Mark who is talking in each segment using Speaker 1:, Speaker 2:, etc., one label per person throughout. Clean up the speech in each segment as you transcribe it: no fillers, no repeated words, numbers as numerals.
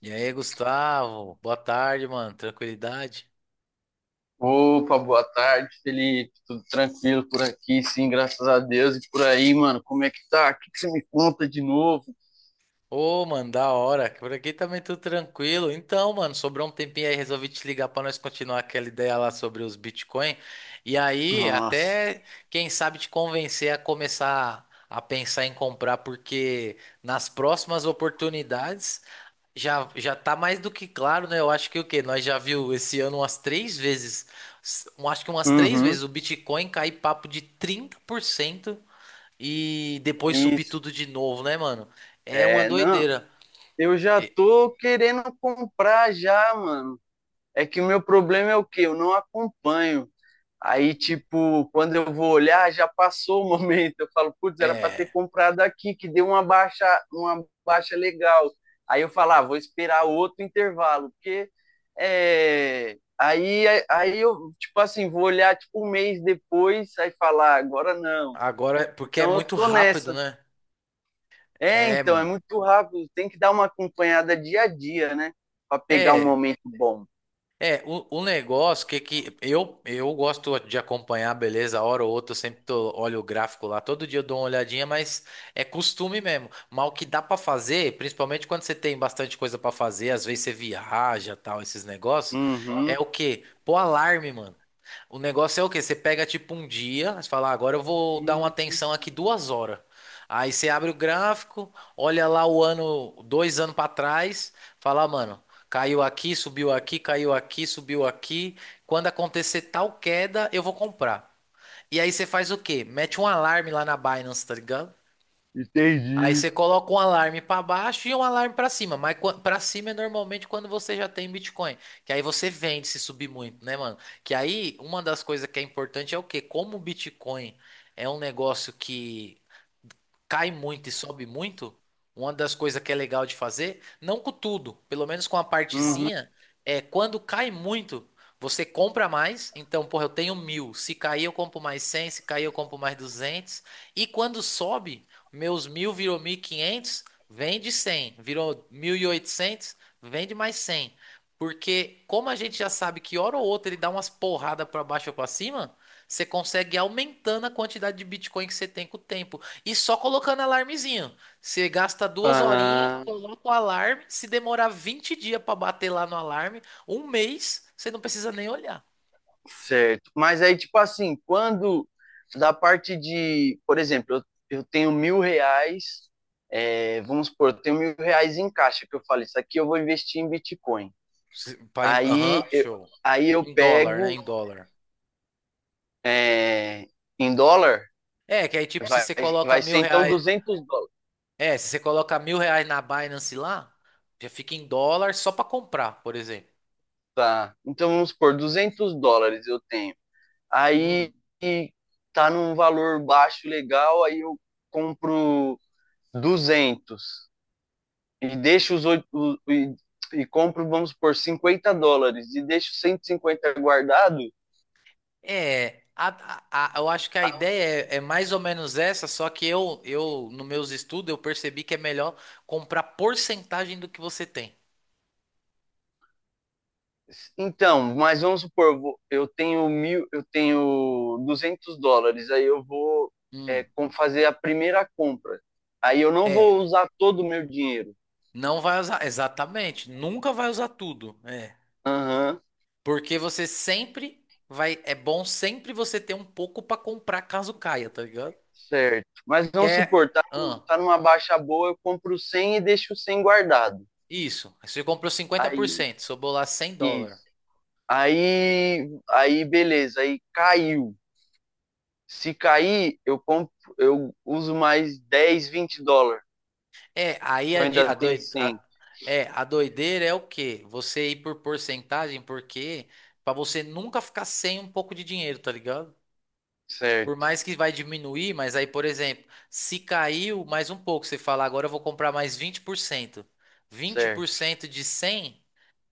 Speaker 1: E aí, Gustavo? Boa tarde, mano. Tranquilidade?
Speaker 2: Opa, boa tarde, Felipe. Tudo tranquilo por aqui, sim, graças a Deus. E por aí, mano, como é que tá? O que que você me conta de novo?
Speaker 1: Ô, mano, da hora. Por aqui também tudo tranquilo. Então, mano, sobrou um tempinho aí, resolvi te ligar pra nós continuar aquela ideia lá sobre os Bitcoin. E aí,
Speaker 2: Nossa.
Speaker 1: até quem sabe te convencer a começar a pensar em comprar, porque nas próximas oportunidades já já tá mais do que claro, né? Eu acho que o quê? Nós já viu esse ano umas três vezes, acho que umas três
Speaker 2: Uhum.
Speaker 1: vezes o Bitcoin cair papo de 30%. E depois subir
Speaker 2: Isso.
Speaker 1: tudo de novo, né, mano? É uma
Speaker 2: É, não.
Speaker 1: doideira.
Speaker 2: Eu já
Speaker 1: E-
Speaker 2: tô querendo comprar já, mano. É que o meu problema é o quê? Eu não acompanho. Aí, tipo, quando eu vou olhar, já passou o momento. Eu falo, putz, era para ter
Speaker 1: É,
Speaker 2: comprado aqui, que deu uma baixa legal. Aí eu falo, ah, vou esperar outro intervalo, porque aí eu, tipo assim, vou olhar tipo um mês depois, aí falar, ah, agora não.
Speaker 1: agora, porque é
Speaker 2: Então eu
Speaker 1: muito
Speaker 2: tô
Speaker 1: rápido,
Speaker 2: nessa.
Speaker 1: né?
Speaker 2: É,
Speaker 1: É,
Speaker 2: então, é
Speaker 1: mano.
Speaker 2: muito rápido, tem que dar uma acompanhada dia a dia, né? Para pegar um
Speaker 1: É,
Speaker 2: momento bom.
Speaker 1: é, o negócio que eu gosto de acompanhar, beleza. A hora ou outra, eu sempre tô, olho o gráfico lá, todo dia eu dou uma olhadinha, mas é costume mesmo. Mas o que dá pra fazer, principalmente quando você tem bastante coisa pra fazer, às vezes você viaja, tal, esses negócios,
Speaker 2: Uhum,
Speaker 1: é o quê? Pô, alarme, mano. O negócio é o quê? Você pega tipo um dia, você fala, "Ah, agora eu vou dar uma atenção aqui 2 horas." Aí você abre o gráfico, olha lá o ano, 2 anos para trás, fala, "Ah, mano, caiu aqui, subiu aqui, caiu aqui, subiu aqui. Quando acontecer tal queda, eu vou comprar." E aí você faz o quê? Mete um alarme lá na Binance, tá ligado? Aí
Speaker 2: entendi.
Speaker 1: você coloca um alarme para baixo e um alarme para cima, mas para cima é normalmente quando você já tem Bitcoin, que aí você vende se subir muito, né, mano? Que aí uma das coisas que é importante é o quê? Como o Bitcoin é um negócio que cai muito e sobe muito, uma das coisas que é legal de fazer, não com tudo, pelo menos com a
Speaker 2: Uhum.
Speaker 1: partezinha, é quando cai muito, você compra mais. Então, porra, eu tenho mil. Se cair, eu compro mais 100. Se cair, eu compro mais 200. E quando sobe, meus mil virou 1.500, vende cem. Virou 1.800, vende mais 100. Porque, como a gente já sabe que hora ou outra ele dá umas porradas para baixo ou para cima, você consegue ir aumentando a quantidade de Bitcoin que você tem com o tempo. E só colocando alarmezinho. Você gasta duas horinhas,
Speaker 2: Ah.
Speaker 1: coloca o alarme. Se demorar 20 dias pra bater lá no alarme, um mês, você não precisa nem olhar.
Speaker 2: Certo. Mas aí, tipo assim, quando da parte de, por exemplo, eu tenho 1.000 reais, vamos supor, eu tenho 1.000 reais em caixa, que eu falo, isso aqui eu vou investir em Bitcoin. Aí
Speaker 1: Aham,
Speaker 2: eu,
Speaker 1: show.
Speaker 2: aí eu
Speaker 1: Em dólar, né?
Speaker 2: pego
Speaker 1: Em dólar.
Speaker 2: é, em dólar,
Speaker 1: É, que aí tipo, se
Speaker 2: vai,
Speaker 1: você coloca
Speaker 2: vai
Speaker 1: mil
Speaker 2: ser então
Speaker 1: reais.
Speaker 2: 200 dólares.
Speaker 1: É, se você coloca mil reais na Binance lá, já fica em dólar só pra comprar, por exemplo.
Speaker 2: Tá. Então vamos supor, 200 dólares eu tenho.
Speaker 1: Hum.
Speaker 2: Aí tá num valor baixo legal, aí eu compro 200 e deixa os oito e, compro, vamos por 50 dólares e deixo 150 guardado.
Speaker 1: É, eu acho que a
Speaker 2: Ah,
Speaker 1: ideia é mais ou menos essa, só que eu nos meus estudos, eu percebi que é melhor comprar porcentagem do que você tem.
Speaker 2: então, mas vamos supor, eu tenho mil, eu tenho 200 dólares, aí eu vou
Speaker 1: Hum,
Speaker 2: é, fazer a primeira compra. Aí eu não
Speaker 1: é,
Speaker 2: vou usar todo o meu dinheiro.
Speaker 1: não vai usar, exatamente, nunca vai usar tudo, é.
Speaker 2: Aham,
Speaker 1: Porque você sempre vai, é bom sempre você ter um pouco pra comprar caso caia, tá ligado?
Speaker 2: certo. Mas
Speaker 1: Que
Speaker 2: vamos
Speaker 1: é,
Speaker 2: supor, tá,
Speaker 1: ah,
Speaker 2: tá numa baixa boa, eu compro 100 e deixo 100 guardado.
Speaker 1: isso, você comprou cinquenta por
Speaker 2: Aí,
Speaker 1: cento, sobrou lá US$ 100.
Speaker 2: isso. Aí, beleza, aí caiu. Se cair, eu uso mais 10, 20 dólares.
Speaker 1: É, aí
Speaker 2: Eu ainda tenho 100.
Speaker 1: a doideira é o quê? Você ir por porcentagem, porque pra você nunca ficar sem um pouco de dinheiro, tá ligado? Por
Speaker 2: Certo,
Speaker 1: mais que vai diminuir, mas aí, por exemplo, se caiu mais um pouco, você fala, agora eu vou comprar mais vinte. Vinte por cento. Vinte por
Speaker 2: certo.
Speaker 1: cento de 100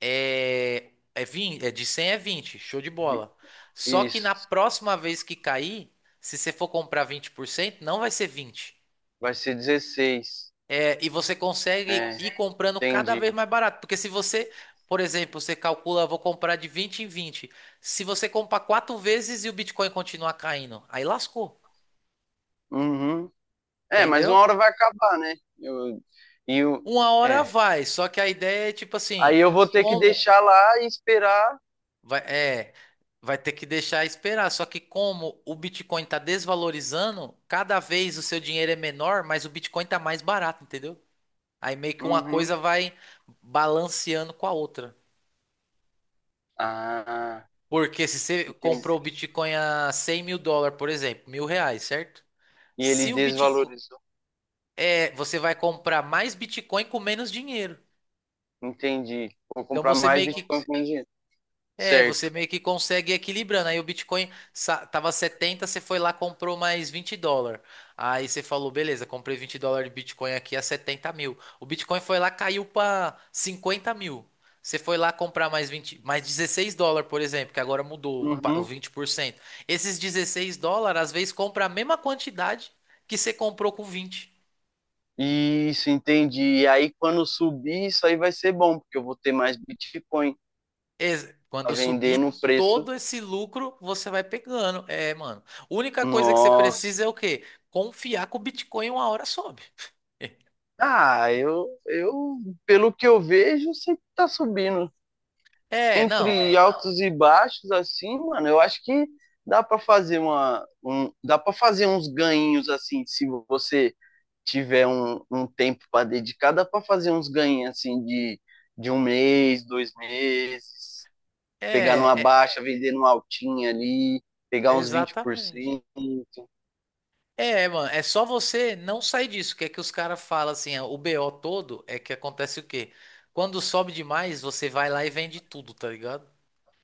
Speaker 1: é 20, é de 100 é 20, show de bola. Só que na
Speaker 2: Isso.
Speaker 1: próxima vez que cair, se você for comprar 20%, não vai ser 20.
Speaker 2: Vai ser 16.
Speaker 1: É, e você
Speaker 2: É,
Speaker 1: consegue ir comprando cada vez
Speaker 2: entendi.
Speaker 1: mais barato. Porque se você, por exemplo, você calcula, vou comprar de 20 em 20. Se você comprar quatro vezes e o Bitcoin continuar caindo, aí lascou,
Speaker 2: Uhum. É, mas uma
Speaker 1: entendeu?
Speaker 2: hora vai acabar, né? E eu,
Speaker 1: Uma hora
Speaker 2: é.
Speaker 1: vai, só que a ideia é tipo
Speaker 2: Aí
Speaker 1: assim,
Speaker 2: eu vou ter que
Speaker 1: como
Speaker 2: deixar lá e esperar.
Speaker 1: vai, é, vai ter que deixar esperar. Só que como o Bitcoin está desvalorizando, cada vez o seu dinheiro é menor, mas o Bitcoin está mais barato, entendeu? Aí meio que uma
Speaker 2: Uhum.
Speaker 1: coisa vai balanceando com a outra.
Speaker 2: Ah,
Speaker 1: Porque se você
Speaker 2: entendi.
Speaker 1: comprou o Bitcoin a US$ 100.000, por exemplo, mil reais, certo?
Speaker 2: E ele
Speaker 1: Se o Bitcoin.
Speaker 2: desvalorizou.
Speaker 1: É, você vai comprar mais Bitcoin com menos dinheiro.
Speaker 2: Entendi. Vou
Speaker 1: Então
Speaker 2: comprar
Speaker 1: você
Speaker 2: mais
Speaker 1: meio que
Speaker 2: Bitcoin com dinheiro.
Speaker 1: É, você
Speaker 2: Certo.
Speaker 1: meio que consegue ir equilibrando. Aí o Bitcoin tava 70, você foi lá, comprou mais US$ 20. Aí você falou, beleza, comprei US$ 20 de Bitcoin aqui a 70.000. O Bitcoin foi lá, caiu para 50.000. Você foi lá comprar mais 20, mais US$ 16, por exemplo, que agora mudou o
Speaker 2: Uhum.
Speaker 1: 20%. Esses US$ 16, às vezes, compra a mesma quantidade que você comprou com 20.
Speaker 2: Isso, entendi. E aí, quando subir, isso aí vai ser bom, porque eu vou ter mais Bitcoin
Speaker 1: Quando
Speaker 2: para vender no
Speaker 1: subir
Speaker 2: preço.
Speaker 1: todo esse lucro, você vai pegando. É, mano. Única coisa que você
Speaker 2: Nossa.
Speaker 1: precisa é o quê? Confiar que o Bitcoin uma hora sobe.
Speaker 2: Ah, pelo que eu vejo, sempre tá subindo.
Speaker 1: É, não.
Speaker 2: Entre altos e baixos, assim, mano, eu acho que dá para fazer uns ganhinhos assim, se você tiver um tempo para dedicar, dá para fazer uns ganhinhos assim de, um mês, 2 meses. Pegar numa
Speaker 1: É, é,
Speaker 2: baixa, vender numa altinha ali, pegar uns
Speaker 1: exatamente.
Speaker 2: 20%.
Speaker 1: É, mano, é só você não sair disso. Que é que os caras falam assim, ó, o BO todo é que acontece o quê? Quando sobe demais, você vai lá e vende tudo, tá ligado?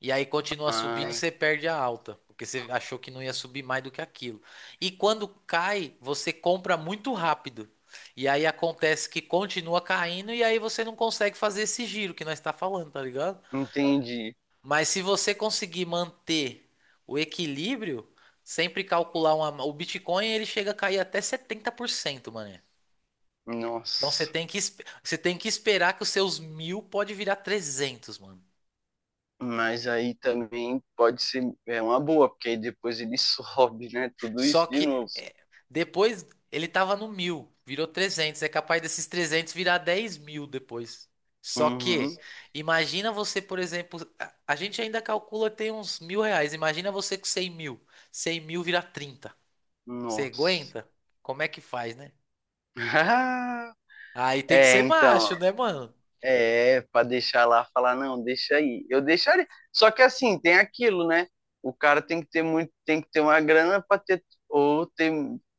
Speaker 1: E aí continua subindo,
Speaker 2: Ah,
Speaker 1: você perde a alta, porque você achou que não ia subir mais do que aquilo. E quando cai, você compra muito rápido. E aí acontece que continua caindo e aí você não consegue fazer esse giro que nós está falando, tá ligado?
Speaker 2: entendi.
Speaker 1: Mas se você conseguir manter o equilíbrio, sempre calcular uma, o Bitcoin, ele chega a cair até 70%, mano. Então você
Speaker 2: Nossa.
Speaker 1: tem que, você tem que esperar que os seus mil pode virar 300, mano.
Speaker 2: Mas aí também pode ser é uma boa, porque aí depois ele sobe, né? Tudo isso
Speaker 1: Só
Speaker 2: de
Speaker 1: que
Speaker 2: novo.
Speaker 1: é, depois ele tava no mil, virou trezentos. É capaz desses 300 virar 10.000 depois. Só
Speaker 2: Uhum.
Speaker 1: que, imagina você, por exemplo, a gente ainda calcula que tem uns R$ 1.000. Imagina você com 100.000. 100.000 vira trinta. Você
Speaker 2: Nossa.
Speaker 1: aguenta? Como é que faz, né? Aí tem que
Speaker 2: É,
Speaker 1: ser
Speaker 2: então,
Speaker 1: macho, né, mano?
Speaker 2: Pra deixar lá, falar, não, deixa aí. Eu deixaria. Só que assim, tem aquilo, né? O cara tem que ter muito, tem que ter uma grana pra ter, ou ter,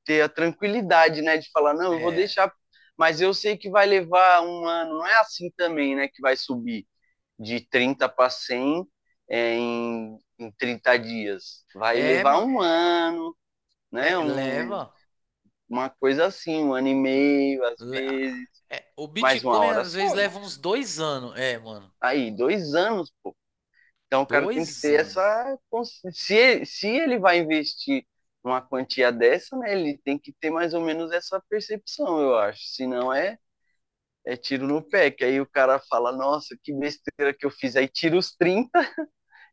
Speaker 2: ter a tranquilidade, né? De falar, não, eu vou
Speaker 1: É,
Speaker 2: deixar, mas eu sei que vai levar um ano. Não é assim também, né? Que vai subir de 30 para 100 em 30 dias. Vai
Speaker 1: é,
Speaker 2: levar
Speaker 1: mano.
Speaker 2: um ano,
Speaker 1: É,
Speaker 2: né?
Speaker 1: leva.
Speaker 2: Uma coisa assim, um ano e meio, às
Speaker 1: Le-
Speaker 2: vezes,
Speaker 1: é, o
Speaker 2: mais uma
Speaker 1: Bitcoin
Speaker 2: hora
Speaker 1: às vezes
Speaker 2: sobe.
Speaker 1: leva uns 2 anos. É, mano.
Speaker 2: Aí, 2 anos, pô. Então o cara tem que
Speaker 1: Dois
Speaker 2: ter
Speaker 1: anos.
Speaker 2: essa. Se ele vai investir uma quantia dessa, né, ele tem que ter mais ou menos essa percepção, eu acho. Senão é tiro no pé, que aí o cara fala, nossa, que besteira que eu fiz. Aí tira os 30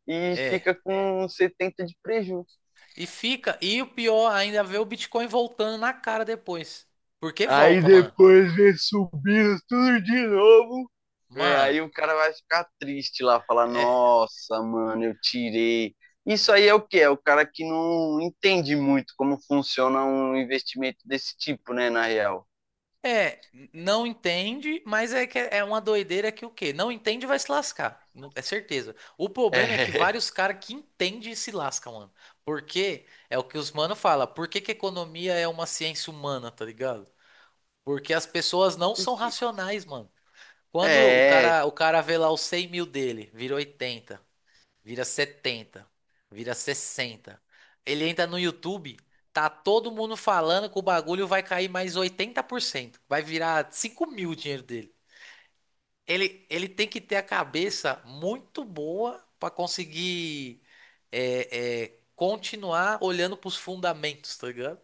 Speaker 2: e
Speaker 1: É.
Speaker 2: fica com 70 de prejuízo.
Speaker 1: E fica, e o pior ainda é ver o Bitcoin voltando na cara depois. Porque
Speaker 2: Aí
Speaker 1: volta, mano.
Speaker 2: depois vem subindo tudo de novo. É,
Speaker 1: Mano,
Speaker 2: aí o cara vai ficar triste lá, falar,
Speaker 1: é,
Speaker 2: nossa, mano, eu tirei. Isso aí é o que é o cara que não entende muito como funciona um investimento desse tipo, né, na real.
Speaker 1: é, não entende, mas é que é uma doideira que o quê? Não entende vai se lascar, é certeza. O problema é que
Speaker 2: É.
Speaker 1: vários caras que entendem se lascam, mano. Porque é o que os mano fala, por que que economia é uma ciência humana, tá ligado? Porque as pessoas não são racionais, mano. Quando o
Speaker 2: É.
Speaker 1: cara, o cara vê lá os 100 mil dele, vira 80. Vira 70, vira 60. Ele entra no YouTube, tá todo mundo falando que o bagulho vai cair mais 80%. Vai virar 5.000 o dinheiro dele. Ele tem que ter a cabeça muito boa para conseguir continuar olhando para os fundamentos, tá ligado?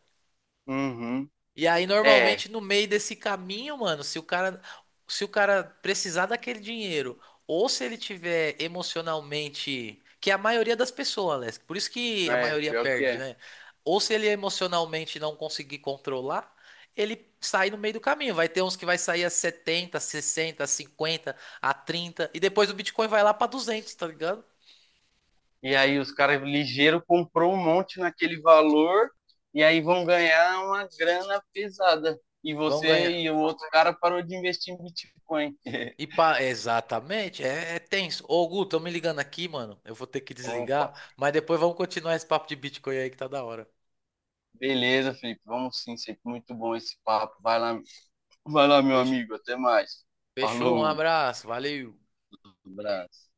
Speaker 2: Uhum.
Speaker 1: E aí,
Speaker 2: É,
Speaker 1: normalmente, no meio desse caminho, mano, se o cara precisar daquele dinheiro, ou se ele tiver emocionalmente, que é a maioria das pessoas, Alex, por isso que a
Speaker 2: é,
Speaker 1: maioria
Speaker 2: pior que
Speaker 1: perde,
Speaker 2: é.
Speaker 1: né? Ou se ele emocionalmente não conseguir controlar, ele sai no meio do caminho. Vai ter uns que vai sair a setenta, sessenta, cinquenta, a 30 e depois o Bitcoin vai lá pra duzentos, tá ligado?
Speaker 2: E aí os caras ligeiro comprou um monte naquele valor e aí vão ganhar uma grana pesada. E
Speaker 1: Vão
Speaker 2: você
Speaker 1: ganhar.
Speaker 2: e o outro cara parou de investir em Bitcoin.
Speaker 1: Exatamente, é tenso. Ô, Gu, estão me ligando aqui, mano. Eu vou ter que
Speaker 2: Opa,
Speaker 1: desligar, mas depois vamos continuar esse papo de Bitcoin aí que tá da hora.
Speaker 2: beleza, Felipe. Vamos sim, sempre muito bom esse papo. Vai lá, meu
Speaker 1: Fech-
Speaker 2: amigo. Até mais.
Speaker 1: Fechou, um
Speaker 2: Falou,
Speaker 1: abraço, valeu.
Speaker 2: um abraço.